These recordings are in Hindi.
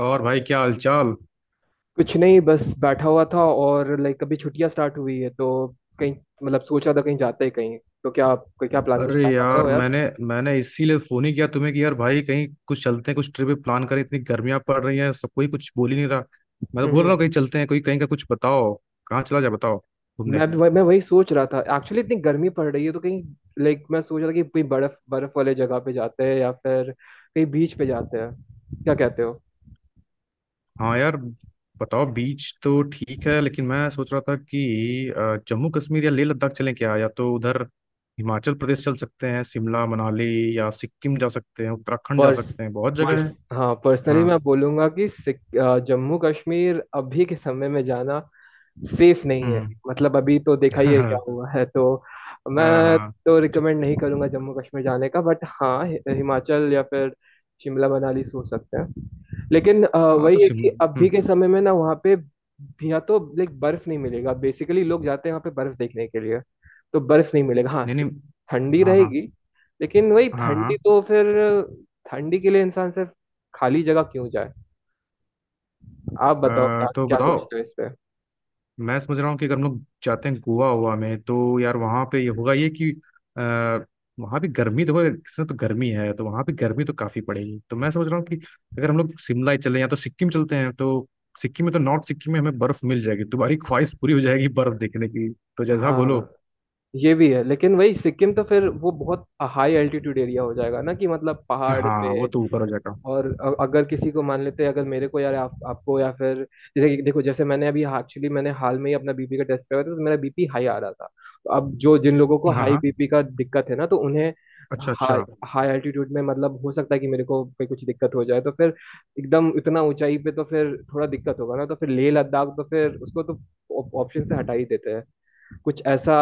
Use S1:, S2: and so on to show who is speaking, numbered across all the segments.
S1: और भाई क्या हालचाल।
S2: कुछ नहीं, बस बैठा हुआ था। और अभी छुट्टियां स्टार्ट हुई है तो कहीं, सोच रहा था कहीं जाते हैं कहीं। तो क्या आप कोई, क्या प्लान, कुछ
S1: अरे
S2: प्लान
S1: यार
S2: बताओ यार।
S1: मैंने मैंने इसीलिए फोन ही किया तुम्हें कि यार भाई कहीं कुछ चलते हैं, कुछ ट्रिप प्लान करें। इतनी गर्मियां पड़ रही हैं, सब कोई कुछ बोल ही नहीं रहा। मैं तो बोल रहा हूँ
S2: हम्म।
S1: कहीं चलते हैं, कोई कहीं का कुछ बताओ। कहाँ चला जाए बताओ तुमने।
S2: मैं वही सोच रहा था, एक्चुअली इतनी गर्मी पड़ रही है तो कहीं, मैं सोच रहा था कि कोई बर्फ बर्फ वाले जगह पे जाते हैं या फिर कहीं बीच पे जाते हैं। क्या कहते हो?
S1: हाँ यार, बताओ। बीच तो ठीक है, लेकिन मैं सोच रहा था कि जम्मू कश्मीर या लेह लद्दाख चलें क्या, या तो उधर हिमाचल प्रदेश चल सकते हैं, शिमला मनाली, या सिक्किम जा सकते हैं, उत्तराखंड जा
S2: पर्स
S1: सकते हैं, बहुत जगह
S2: पर्स
S1: है।
S2: हाँ, पर्सनली
S1: हाँ।
S2: मैं बोलूंगा कि जम्मू कश्मीर अभी के समय में जाना सेफ नहीं है।
S1: हम्म
S2: मतलब अभी तो देखा ही है क्या
S1: हाँ।
S2: हुआ है, तो
S1: हाँ
S2: मैं
S1: हाँ।
S2: तो रिकमेंड नहीं करूंगा जम्मू कश्मीर जाने का। बट हाँ, हिमाचल या फिर शिमला मनाली सोच सकते हैं। लेकिन
S1: हाँ तो
S2: वही है
S1: सिम
S2: कि अभी
S1: हम्म,
S2: के समय में ना वहाँ पे या तो बर्फ नहीं मिलेगा। बेसिकली लोग जाते हैं वहाँ पे बर्फ देखने के लिए, तो बर्फ नहीं मिलेगा। हाँ,
S1: नहीं नहीं।
S2: ठंडी
S1: हाँ हाँ
S2: रहेगी। लेकिन वही,
S1: हाँ।
S2: ठंडी तो फिर, ठंडी के लिए इंसान सिर्फ खाली जगह क्यों जाए? आप बताओ
S1: हाँ,
S2: क्या
S1: तो
S2: क्या
S1: बताओ।
S2: सोचते हो इस पे।
S1: मैं समझ रहा हूँ कि अगर हम लोग जाते हैं गोवा हुआ में, तो यार वहाँ पे ये होगा ये कि आ, वहाँ भी गर्मी, देखो इसमें तो गर्मी है, तो वहाँ पे गर्मी तो काफ़ी पड़ेगी। तो मैं समझ रहा हूँ कि अगर हम लोग शिमला ही चले, या तो सिक्किम चलते हैं, तो सिक्किम में तो, नॉर्थ सिक्किम में हमें बर्फ मिल जाएगी, तुम्हारी ख्वाहिश पूरी हो जाएगी बर्फ देखने की। तो जैसा बोलो।
S2: हाँ, ये भी है लेकिन वही सिक्किम तो फिर वो बहुत हाई एल्टीट्यूड एरिया हो जाएगा ना, कि मतलब पहाड़ पे।
S1: हाँ वो तो ऊपर हो जाएगा।
S2: और अगर किसी को मान लेते हैं, अगर मेरे को, यार आप, आपको या फिर देखो, जैसे मैंने अभी एक्चुअली मैंने हाल में ही अपना बीपी का टेस्ट करवाया था, तो मेरा बीपी हाई आ रहा था। तो अब जो जिन लोगों को
S1: हाँ
S2: हाई
S1: हाँ,
S2: बीपी का दिक्कत है ना, तो उन्हें
S1: अच्छा
S2: हाई
S1: अच्छा।
S2: हाई एल्टीट्यूड में, मतलब हो सकता है कि मेरे को कोई कुछ दिक्कत हो जाए, तो फिर एकदम इतना ऊंचाई पे तो फिर थोड़ा दिक्कत होगा ना। तो फिर लेह लद्दाख तो फिर उसको तो ऑप्शन से हटा ही देते हैं। कुछ ऐसा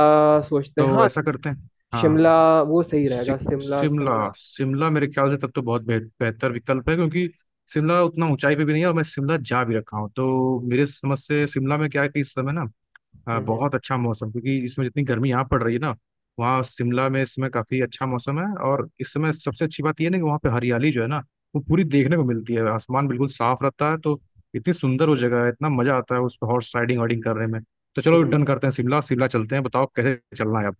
S2: सोचते हैं,
S1: तो
S2: हाँ।
S1: ऐसा करते हैं। हाँ।
S2: शिमला, वो सही
S1: सि,
S2: रहेगा, शिमला
S1: शिमला
S2: शिमला।
S1: शिमला मेरे ख्याल से तब तो बहुत बेहतर विकल्प है, क्योंकि शिमला उतना ऊंचाई पे भी नहीं है, और मैं शिमला जा भी रखा हूँ। तो मेरे समझ से शिमला में क्या है कि इस समय ना
S2: हम्म। हम्म।
S1: बहुत अच्छा मौसम, क्योंकि इसमें जितनी गर्मी यहाँ पड़ रही है ना, वहाँ शिमला में इसमें काफी अच्छा मौसम है। और इस समय सबसे अच्छी बात यह ना कि वहाँ पे हरियाली जो है ना, वो पूरी देखने को मिलती है, आसमान बिल्कुल साफ रहता है। तो इतनी सुंदर वो जगह है, इतना मजा आता है उस पर हॉर्स राइडिंग वाइडिंग करने में। तो चलो
S2: हम्म,
S1: डन करते हैं, शिमला शिमला चलते हैं। बताओ कैसे चलना है आप।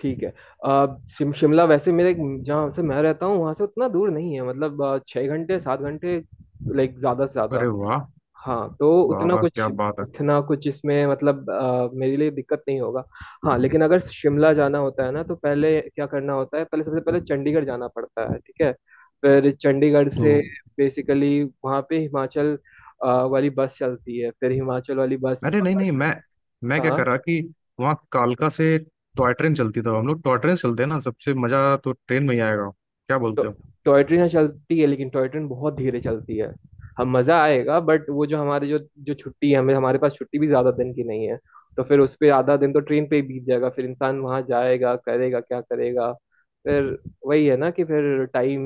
S2: ठीक है। अ, शिमला वैसे मेरे, जहाँ से मैं रहता हूँ वहाँ से उतना दूर नहीं है, मतलब 6 घंटे 7 घंटे, ज़्यादा से ज़्यादा।
S1: अरे वाह,
S2: हाँ, तो
S1: वाह
S2: उतना
S1: वाह,
S2: कुछ,
S1: क्या बात है।
S2: उतना कुछ इसमें मतलब मेरे लिए दिक्कत नहीं होगा। हाँ लेकिन अगर शिमला जाना होता है ना, तो पहले क्या करना होता है, पहले सबसे पहले चंडीगढ़ जाना पड़ता है, ठीक है? फिर चंडीगढ़
S1: तो
S2: से बेसिकली वहाँ पे हिमाचल अ, वाली बस चलती है, फिर हिमाचल वाली बस।
S1: अरे नहीं नहीं, मैं क्या
S2: हाँ।
S1: कर रहा कि वहाँ कालका से टॉय ट्रेन चलती था, हम लोग टॉय ट्रेन से चलते हैं ना, सबसे मजा तो ट्रेन में ही आएगा। क्या
S2: तो
S1: बोलते हो।
S2: टॉय ट्रेन यहाँ चलती है लेकिन टॉय ट्रेन बहुत धीरे चलती है। हम, मजा आएगा बट वो जो हमारे, जो, जो छुट्टी है, हमें हमारे पास छुट्टी भी ज्यादा दिन की नहीं है। तो फिर उस पे आधा दिन तो ट्रेन पे ही बीत जाएगा, फिर इंसान वहां जाएगा करेगा क्या करेगा? फिर वही है ना, कि फिर टाइम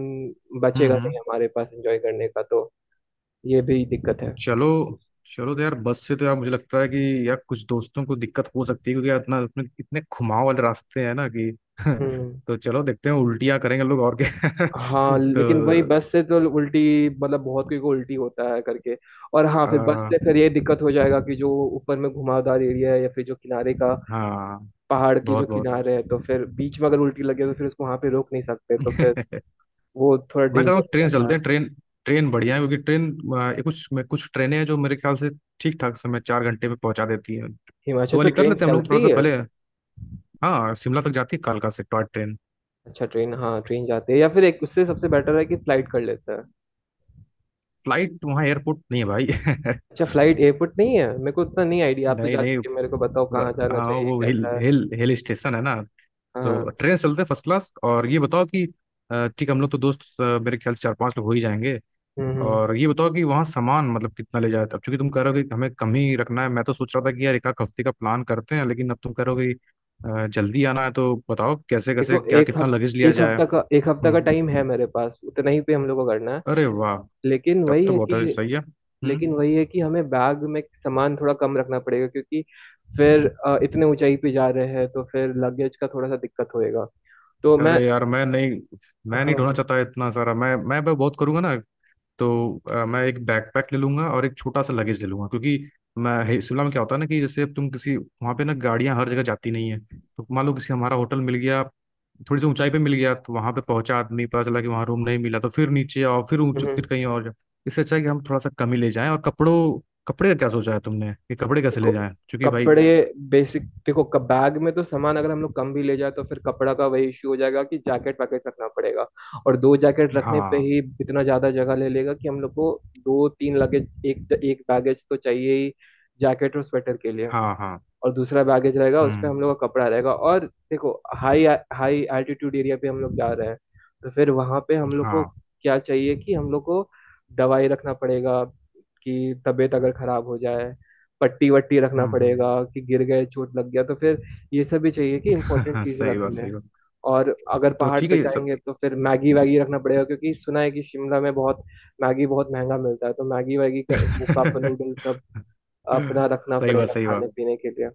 S2: बचेगा नहीं
S1: हम्म।
S2: हमारे पास एंजॉय करने का। तो ये भी दिक्कत है।
S1: चलो चलो, तो यार बस से तो यार मुझे लगता है कि यार कुछ दोस्तों को दिक्कत हो सकती है, क्योंकि यार इतना इतने इतने घुमाव वाले रास्ते हैं ना कि
S2: हम्म।
S1: तो चलो देखते हैं, उल्टियां करेंगे लोग और क्या
S2: हाँ लेकिन वही,
S1: तो
S2: बस से तो उल्टी, मतलब बहुत कोई को उल्टी होता है करके। और हाँ, फिर बस
S1: आ,
S2: से फिर ये दिक्कत हो जाएगा कि जो ऊपर में घुमावदार एरिया है या फिर जो किनारे का,
S1: हाँ,
S2: पहाड़ के जो
S1: बहुत
S2: किनारे हैं, तो फिर बीच में अगर उल्टी लगे तो फिर उसको वहां पे रोक नहीं सकते, तो फिर
S1: बहुत
S2: वो थोड़ा
S1: मैं कहता
S2: डेंजर
S1: हूँ ट्रेन
S2: हो जाता
S1: चलते
S2: है।
S1: हैं, ट्रेन। ट्रेन बढ़िया है, क्योंकि ट्रेन कुछ ट्रेनें हैं जो मेरे ख्याल से ठीक ठाक समय, 4 घंटे में पहुंचा देती हैं।
S2: हिमाचल
S1: तो
S2: पे
S1: वाली कर
S2: ट्रेन
S1: लेते हैं हम लोग थोड़ा
S2: चलती
S1: सा
S2: है?
S1: पहले। हाँ, शिमला तक जाती है कालका से टॉय ट्रेन।
S2: अच्छा, ट्रेन, हाँ ट्रेन जाती है, या फिर एक उससे सबसे बेटर है कि फ्लाइट कर लेते हैं।
S1: फ्लाइट? वहाँ एयरपोर्ट नहीं है भाई
S2: अच्छा, फ्लाइट, एयरपोर्ट नहीं है? मेरे को उतना नहीं आइडिया, आप तो
S1: नहीं
S2: जा
S1: नहीं,
S2: चुके हैं, मेरे को बताओ
S1: पूरा
S2: कहाँ जाना
S1: हाँ
S2: चाहिए,
S1: वो हिल
S2: कैसा है।
S1: हिल हिल स्टेशन है ना।
S2: हाँ,
S1: तो
S2: हाँ।
S1: ट्रेन से चलते हैं फर्स्ट क्लास। और ये बताओ कि ठीक है, हम लोग तो दोस्त मेरे ख्याल से 4-5 लोग हो ही जाएंगे।
S2: हम्म।
S1: और ये बताओ कि वहाँ सामान मतलब कितना ले जाते हो, अब चूंकि तुम कह रहे हो कि हमें कम ही रखना है। मैं तो सोच रहा था कि यार एक आध हफ्ते का प्लान करते हैं, लेकिन अब तुम कह रहे हो कि जल्दी आना है, तो बताओ कैसे कैसे
S2: देखो
S1: क्या कितना लगेज लिया जाए।
S2: एक हफ्ता का
S1: हम्म।
S2: टाइम है मेरे पास, उतना ही पे हम लोग को करना है।
S1: अरे वाह,
S2: लेकिन
S1: तब
S2: वही
S1: तो
S2: है कि,
S1: बहुत सही है। हम्म।
S2: हमें बैग में सामान थोड़ा कम रखना पड़ेगा, क्योंकि फिर इतने ऊंचाई पे जा रहे हैं तो फिर लगेज का थोड़ा सा दिक्कत होएगा। तो मैं,
S1: अरे यार, मैं नहीं
S2: हाँ,
S1: मैं नहीं ढूंढना
S2: हाँ,
S1: चाहता इतना सारा, मैं बहुत करूंगा ना। तो मैं एक बैकपैक ले लूंगा और एक छोटा सा लगेज ले लूंगा, क्योंकि मैं शिमला में क्या होता है ना कि जैसे अब तुम किसी, वहाँ पे ना गाड़ियाँ हर जगह जाती नहीं है, तो मान लो किसी, हमारा होटल मिल गया थोड़ी सी ऊंचाई पे मिल गया, तो वहाँ पे पहुंचा आदमी, पता चला कि वहाँ रूम नहीं मिला, तो फिर नीचे आओ, फिर ऊंच, फिर
S2: हम्म।
S1: कहीं और जाओ। इससे अच्छा है कि हम थोड़ा सा कम ही ले जाएं। और कपड़ों, कपड़े का क्या सोचा है तुमने कि कपड़े कैसे
S2: देखो
S1: ले जाएं, क्योंकि भाई।
S2: कपड़े, बेसिक देखो, कब बैग में तो सामान अगर हम लोग कम भी ले जाए तो फिर कपड़ा का वही इश्यू हो जाएगा कि जैकेट वैकेट रखना पड़ेगा। और दो जैकेट रखने पे
S1: हाँ
S2: ही इतना ज्यादा जगह ले लेगा कि हम लोग को दो तीन लगेज, एक एक बैगेज तो चाहिए ही, जैकेट और स्वेटर के लिए।
S1: हाँ। हाँ।
S2: और दूसरा बैगेज रहेगा उसपे
S1: हम्म।
S2: हम लोग का कपड़ा रहेगा। और देखो, हाई हाई एल्टीट्यूड एरिया पे हम लोग जा रहे हैं, तो फिर वहां पे हम लोग को
S1: हाँ।
S2: क्या चाहिए, कि हम लोग को दवाई रखना पड़ेगा कि तबीयत अगर खराब हो जाए, पट्टी वट्टी रखना
S1: हम्म।
S2: पड़ेगा कि गिर गए, चोट लग गया तो फिर, ये सब भी चाहिए कि इम्पोर्टेंट
S1: हाँ,
S2: चीज
S1: सही
S2: रख
S1: बात
S2: लें।
S1: सही बात।
S2: और अगर
S1: तो
S2: पहाड़
S1: ठीक
S2: पे
S1: है ये सब।
S2: जाएंगे तो फिर मैगी वैगी रखना पड़ेगा, क्योंकि सुना है कि शिमला में बहुत मैगी, बहुत महंगा मिलता है, तो मैगी वैगी का, मुक्का नूडल सब अपना रखना
S1: सही बात
S2: पड़ेगा
S1: सही बात।
S2: खाने पीने के लिए।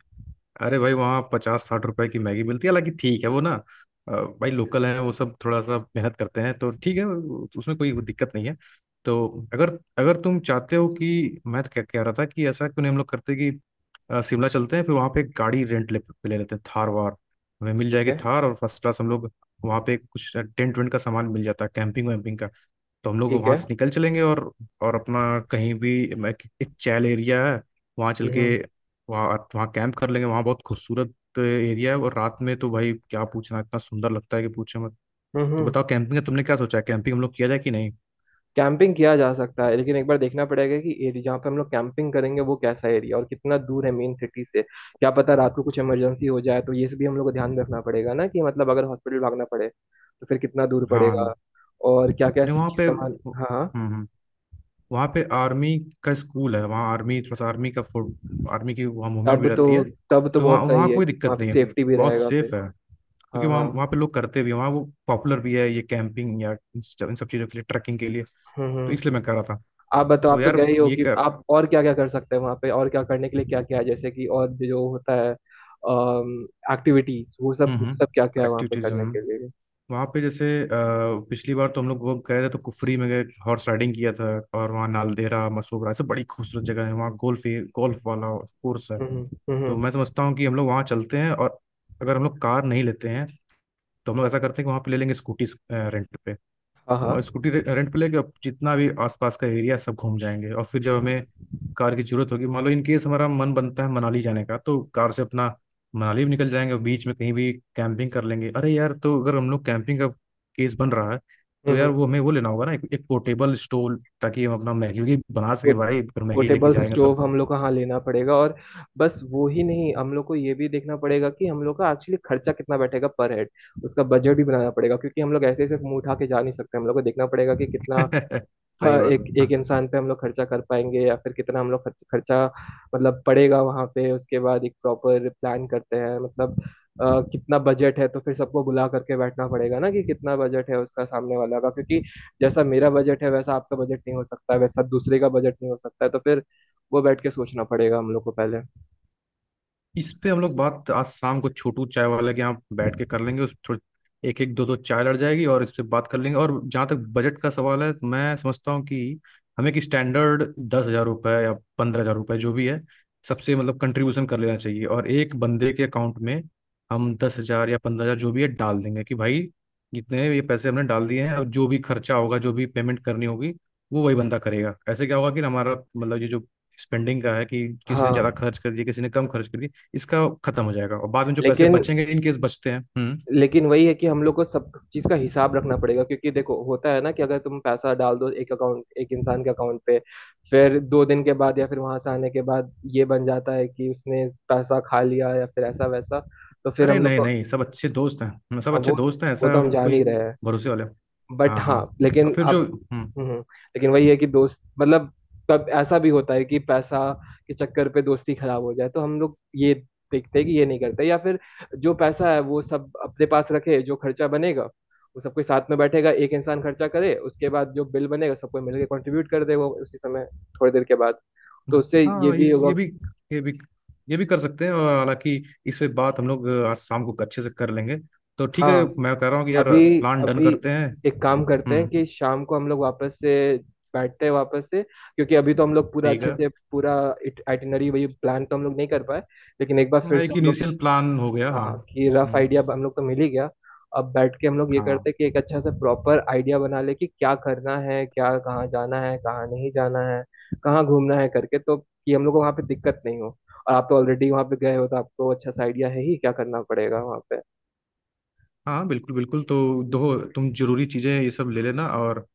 S1: अरे भाई, वहाँ 50-60 रुपए की मैगी मिलती है, हालांकि ठीक है वो ना भाई लोकल है, वो सब थोड़ा सा मेहनत करते हैं, तो ठीक है उसमें कोई दिक्कत नहीं है। तो, अगर अगर तुम चाहते हो कि, मैं तो क्या कह रहा था कि ऐसा क्यों नहीं हम लोग करते कि शिमला चलते हैं, फिर वहाँ पे एक गाड़ी रेंट ले, पे ले लेते हैं थार वार, हमें मिल
S2: ठीक
S1: जाएगी
S2: है,
S1: थार, और फर्स्ट क्लास हम लोग वहाँ पे कुछ टेंट वेंट का सामान मिल जाता है, कैंपिंग वैम्पिंग का, तो हम लोग
S2: ठीक
S1: वहाँ
S2: है।
S1: से निकल चलेंगे। और अपना, कहीं भी मैं- एक चैल एरिया है, वहाँ चल के
S2: हम्म,
S1: वहाँ आप, वहाँ कैंप कर लेंगे। वहाँ बहुत खूबसूरत एरिया है, और रात में तो भाई क्या पूछना, इतना सुंदर लगता है कि पूछो मत। तो बताओ
S2: हम्म।
S1: कैंपिंग का तुमने क्या सोचा है, कैंपिंग हम लोग किया जाए कि नहीं।
S2: कैंपिंग किया जा सकता है लेकिन एक बार देखना पड़ेगा कि एरिया जहाँ पे हम लोग कैंपिंग करेंगे वो कैसा एरिया, और कितना दूर है मेन सिटी से, क्या पता रात को कुछ इमरजेंसी हो जाए, तो ये सब भी हम लोग को ध्यान में रखना पड़ेगा ना, कि मतलब अगर हॉस्पिटल भागना पड़े तो फिर कितना दूर पड़ेगा।
S1: हाँ,
S2: और क्या क्या
S1: नहीं वहाँ पे,
S2: सामान, हाँ, हाँ,
S1: हम्म, वहाँ पे आर्मी का स्कूल है, वहाँ आर्मी थोड़ा सा, आर्मी का आर्मी की वहाँ मूवमेंट भी
S2: तब तो,
S1: रहती है।
S2: तब तो
S1: तो वहाँ,
S2: बहुत
S1: वहाँ
S2: सही है,
S1: कोई दिक्कत
S2: वहाँ
S1: नहीं
S2: पे
S1: है,
S2: सेफ्टी भी
S1: बहुत
S2: रहेगा
S1: सेफ
S2: फिर।
S1: है, क्योंकि
S2: हाँ,
S1: वहाँ,
S2: हाँ।
S1: वहाँ पे लोग करते भी हैं, वहाँ वो पॉपुलर भी है ये कैंपिंग या इन सब चीज़ों के लिए, ट्रैकिंग के लिए।
S2: हम्म,
S1: तो
S2: हम्म।
S1: इसलिए मैं कह रहा था।
S2: आप बताओ,
S1: तो
S2: आप तो गए
S1: यार,
S2: ही हो
S1: ये
S2: कि
S1: कर,
S2: आप, और क्या क्या कर सकते हैं वहाँ पे, और क्या करने के लिए क्या क्या है, जैसे कि और जो होता है एक्टिविटीज, वो सब, वो सब क्या क्या
S1: हम्म,
S2: है वहाँ पे
S1: एक्टिविटीज
S2: करने के लिए?
S1: वहाँ पे, जैसे पिछली बार तो हम लोग वो गए थे तो कुफरी में गए, हॉर्स राइडिंग किया था। और वहाँ नालदेहरा, मसोबरा, सब बड़ी खूबसूरत जगह है। वहाँ गोल्फ, गोल्फ वाला कोर्स है।
S2: हम्म,
S1: तो मैं
S2: हम्म।
S1: समझता हूँ कि हम लोग वहाँ चलते हैं, और अगर हम लोग कार नहीं लेते हैं, तो हम लोग ऐसा करते हैं कि वहाँ पे ले लेंगे स्कूटी रेंट पे,
S2: हाँ, हाँ।
S1: और स्कूटी रेंट पे लेके अब जितना भी आसपास का एरिया सब घूम जाएंगे। और फिर जब हमें कार की जरूरत होगी, मान लो इन केस हमारा मन बनता है मनाली जाने का, तो कार से अपना मनाली भी निकल जाएंगे, और बीच में कहीं भी कैंपिंग कर लेंगे। अरे यार, तो अगर हम लोग कैंपिंग का केस बन रहा है, तो
S2: हम्म।
S1: यार वो हमें वो लेना होगा ना एक पोर्टेबल स्टोव, ताकि हम अपना मैगी वैगी बना सके भाई, फिर मैगी लेके
S2: पोर्टेबल
S1: जाएंगे तो।
S2: स्टोव हम लोग को हाँ लेना पड़ेगा। और बस वो ही नहीं, हम लोग को ये भी देखना पड़ेगा कि हम लोग का एक्चुअली खर्चा कितना बैठेगा पर हेड, उसका बजट भी बनाना पड़ेगा, क्योंकि हम लोग ऐसे ऐसे मुंह उठा के जा नहीं सकते, हम लोग को देखना पड़ेगा कि कितना,
S1: सही
S2: हाँ
S1: बात
S2: एक एक
S1: हाँ।
S2: इंसान पे हम लोग खर्चा कर पाएंगे, या फिर कितना हम लोग खर्च, खर्चा मतलब पड़ेगा वहां पे। उसके बाद एक प्रॉपर प्लान करते हैं, मतलब कितना बजट है, तो फिर सबको बुला करके बैठना पड़ेगा ना कि कितना बजट है उसका, सामने वाला का, क्योंकि जैसा मेरा बजट है वैसा आपका बजट नहीं हो सकता है, वैसा दूसरे का बजट नहीं हो सकता है, तो फिर वो बैठ के सोचना पड़ेगा हम लोग को पहले।
S1: इस पे हम लोग बात आज शाम को छोटू चाय वाले के यहाँ बैठ के कर लेंगे, उस थोड़ी एक एक दो दो चाय लड़ जाएगी, और इस पे बात कर लेंगे। और जहाँ तक बजट का सवाल है, तो मैं समझता हूँ कि हमें कि स्टैंडर्ड 10,000 रुपये या 15,000 रुपये जो भी है, सबसे मतलब कंट्रीब्यूशन कर लेना चाहिए। और एक बंदे के अकाउंट में हम 10,000 या 15,000 जो भी है डाल देंगे, कि भाई जितने ये पैसे हमने डाल दिए हैं, और जो भी खर्चा होगा जो भी पेमेंट करनी होगी, वो वही बंदा करेगा। ऐसे क्या होगा कि हमारा मतलब ये जो स्पेंडिंग का है, कि किसी ने ज़्यादा
S2: हाँ,
S1: खर्च कर दिया, किसी ने कम खर्च कर दिया, इसका खत्म हो जाएगा। और बाद में जो पैसे
S2: लेकिन
S1: बचेंगे इन केस बचते हैं। हम्म।
S2: लेकिन वही है कि हम लोग को सब चीज का हिसाब रखना पड़ेगा, क्योंकि देखो होता है ना कि अगर तुम पैसा डाल दो एक अकाउंट, एक इंसान के अकाउंट पे, फिर 2 दिन के बाद या फिर वहां से आने के बाद ये बन जाता है कि उसने पैसा खा लिया या फिर ऐसा वैसा, तो फिर
S1: अरे
S2: हम लोग
S1: नहीं
S2: को,
S1: नहीं, सब अच्छे दोस्त हैं, हम सब
S2: हाँ
S1: अच्छे
S2: वो
S1: दोस्त हैं,
S2: वो
S1: ऐसा
S2: तो हम जान ही
S1: कोई,
S2: रहे हैं।
S1: भरोसे वाले।
S2: बट
S1: हाँ
S2: हाँ
S1: हाँ। और
S2: लेकिन
S1: फिर जो,
S2: अब,
S1: हम्म,
S2: हम्म, लेकिन वही है कि दोस्त, मतलब कब ऐसा भी होता है कि पैसा के चक्कर पे दोस्ती खराब हो जाए, तो हम लोग ये देखते हैं कि ये नहीं करते, या फिर जो पैसा है वो सब अपने पास रखे, जो खर्चा बनेगा वो सबके साथ में बैठेगा, एक इंसान खर्चा करे, उसके बाद जो बिल बनेगा सबको मिलकर कंट्रीब्यूट कर देगा उसी समय, थोड़ी देर के बाद, तो उससे ये
S1: हाँ
S2: भी
S1: इस
S2: होगा।
S1: ये भी, ये भी ये भी कर सकते हैं। और हालांकि इस पे बात हम लोग आज शाम को अच्छे से कर लेंगे। तो ठीक है
S2: हाँ,
S1: मैं कह रहा हूँ कि यार
S2: अभी
S1: प्लान डन
S2: अभी
S1: करते हैं।
S2: एक काम करते हैं
S1: हम्म,
S2: कि शाम को हम लोग वापस से बैठते हैं वापस से, क्योंकि अभी तो हम लोग पूरा
S1: ठीक
S2: अच्छे
S1: है।
S2: से पूरा आइटिनरी वही प्लान तो हम लोग नहीं कर पाए, लेकिन एक बार
S1: हाँ,
S2: फिर से
S1: एक
S2: हम लोग,
S1: इनिशियल प्लान हो गया, हाँ
S2: हाँ कि रफ
S1: हम्म।
S2: आइडिया हम लोग तो मिल ही गया। अब बैठ के हम लोग ये
S1: हाँ
S2: करते हैं कि एक अच्छा सा प्रॉपर आइडिया बना ले, कि क्या करना है, क्या कहाँ जाना है, कहाँ नहीं जाना है, कहाँ घूमना है करके, तो कि हम लोग को वहाँ पे दिक्कत नहीं हो। और आप तो ऑलरेडी वहाँ पे गए हो तो आपको अच्छा सा आइडिया है ही क्या करना पड़ेगा वहाँ पे।
S1: हाँ, बिल्कुल बिल्कुल। तो दो, तुम जरूरी चीज़ें ये सब ले लेना।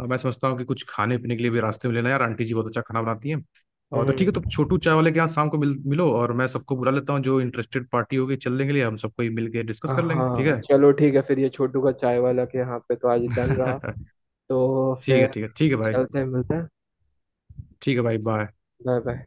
S1: और मैं समझता हूँ कि कुछ खाने पीने के लिए भी रास्ते में लेना यार, आंटी जी बहुत अच्छा खाना बनाती हैं। और तो
S2: हम्म।
S1: ठीक है, तो छोटू चाय वाले के यहाँ शाम को मिल, मिलो, और मैं सबको बुला लेता हूँ, जो इंटरेस्टेड पार्टी होगी चलने के लिए, हम सबको ही मिल के डिस्कस कर लेंगे, ठीक
S2: हाँ
S1: है।
S2: चलो, ठीक है फिर, ये छोटू का चाय वाला के यहाँ पे तो आज डन रहा। तो
S1: ठीक
S2: फिर
S1: है ठीक है ठीक है भाई।
S2: चलते हैं, मिलते हैं।
S1: ठीक है भाई, बाय।
S2: Bye, bye.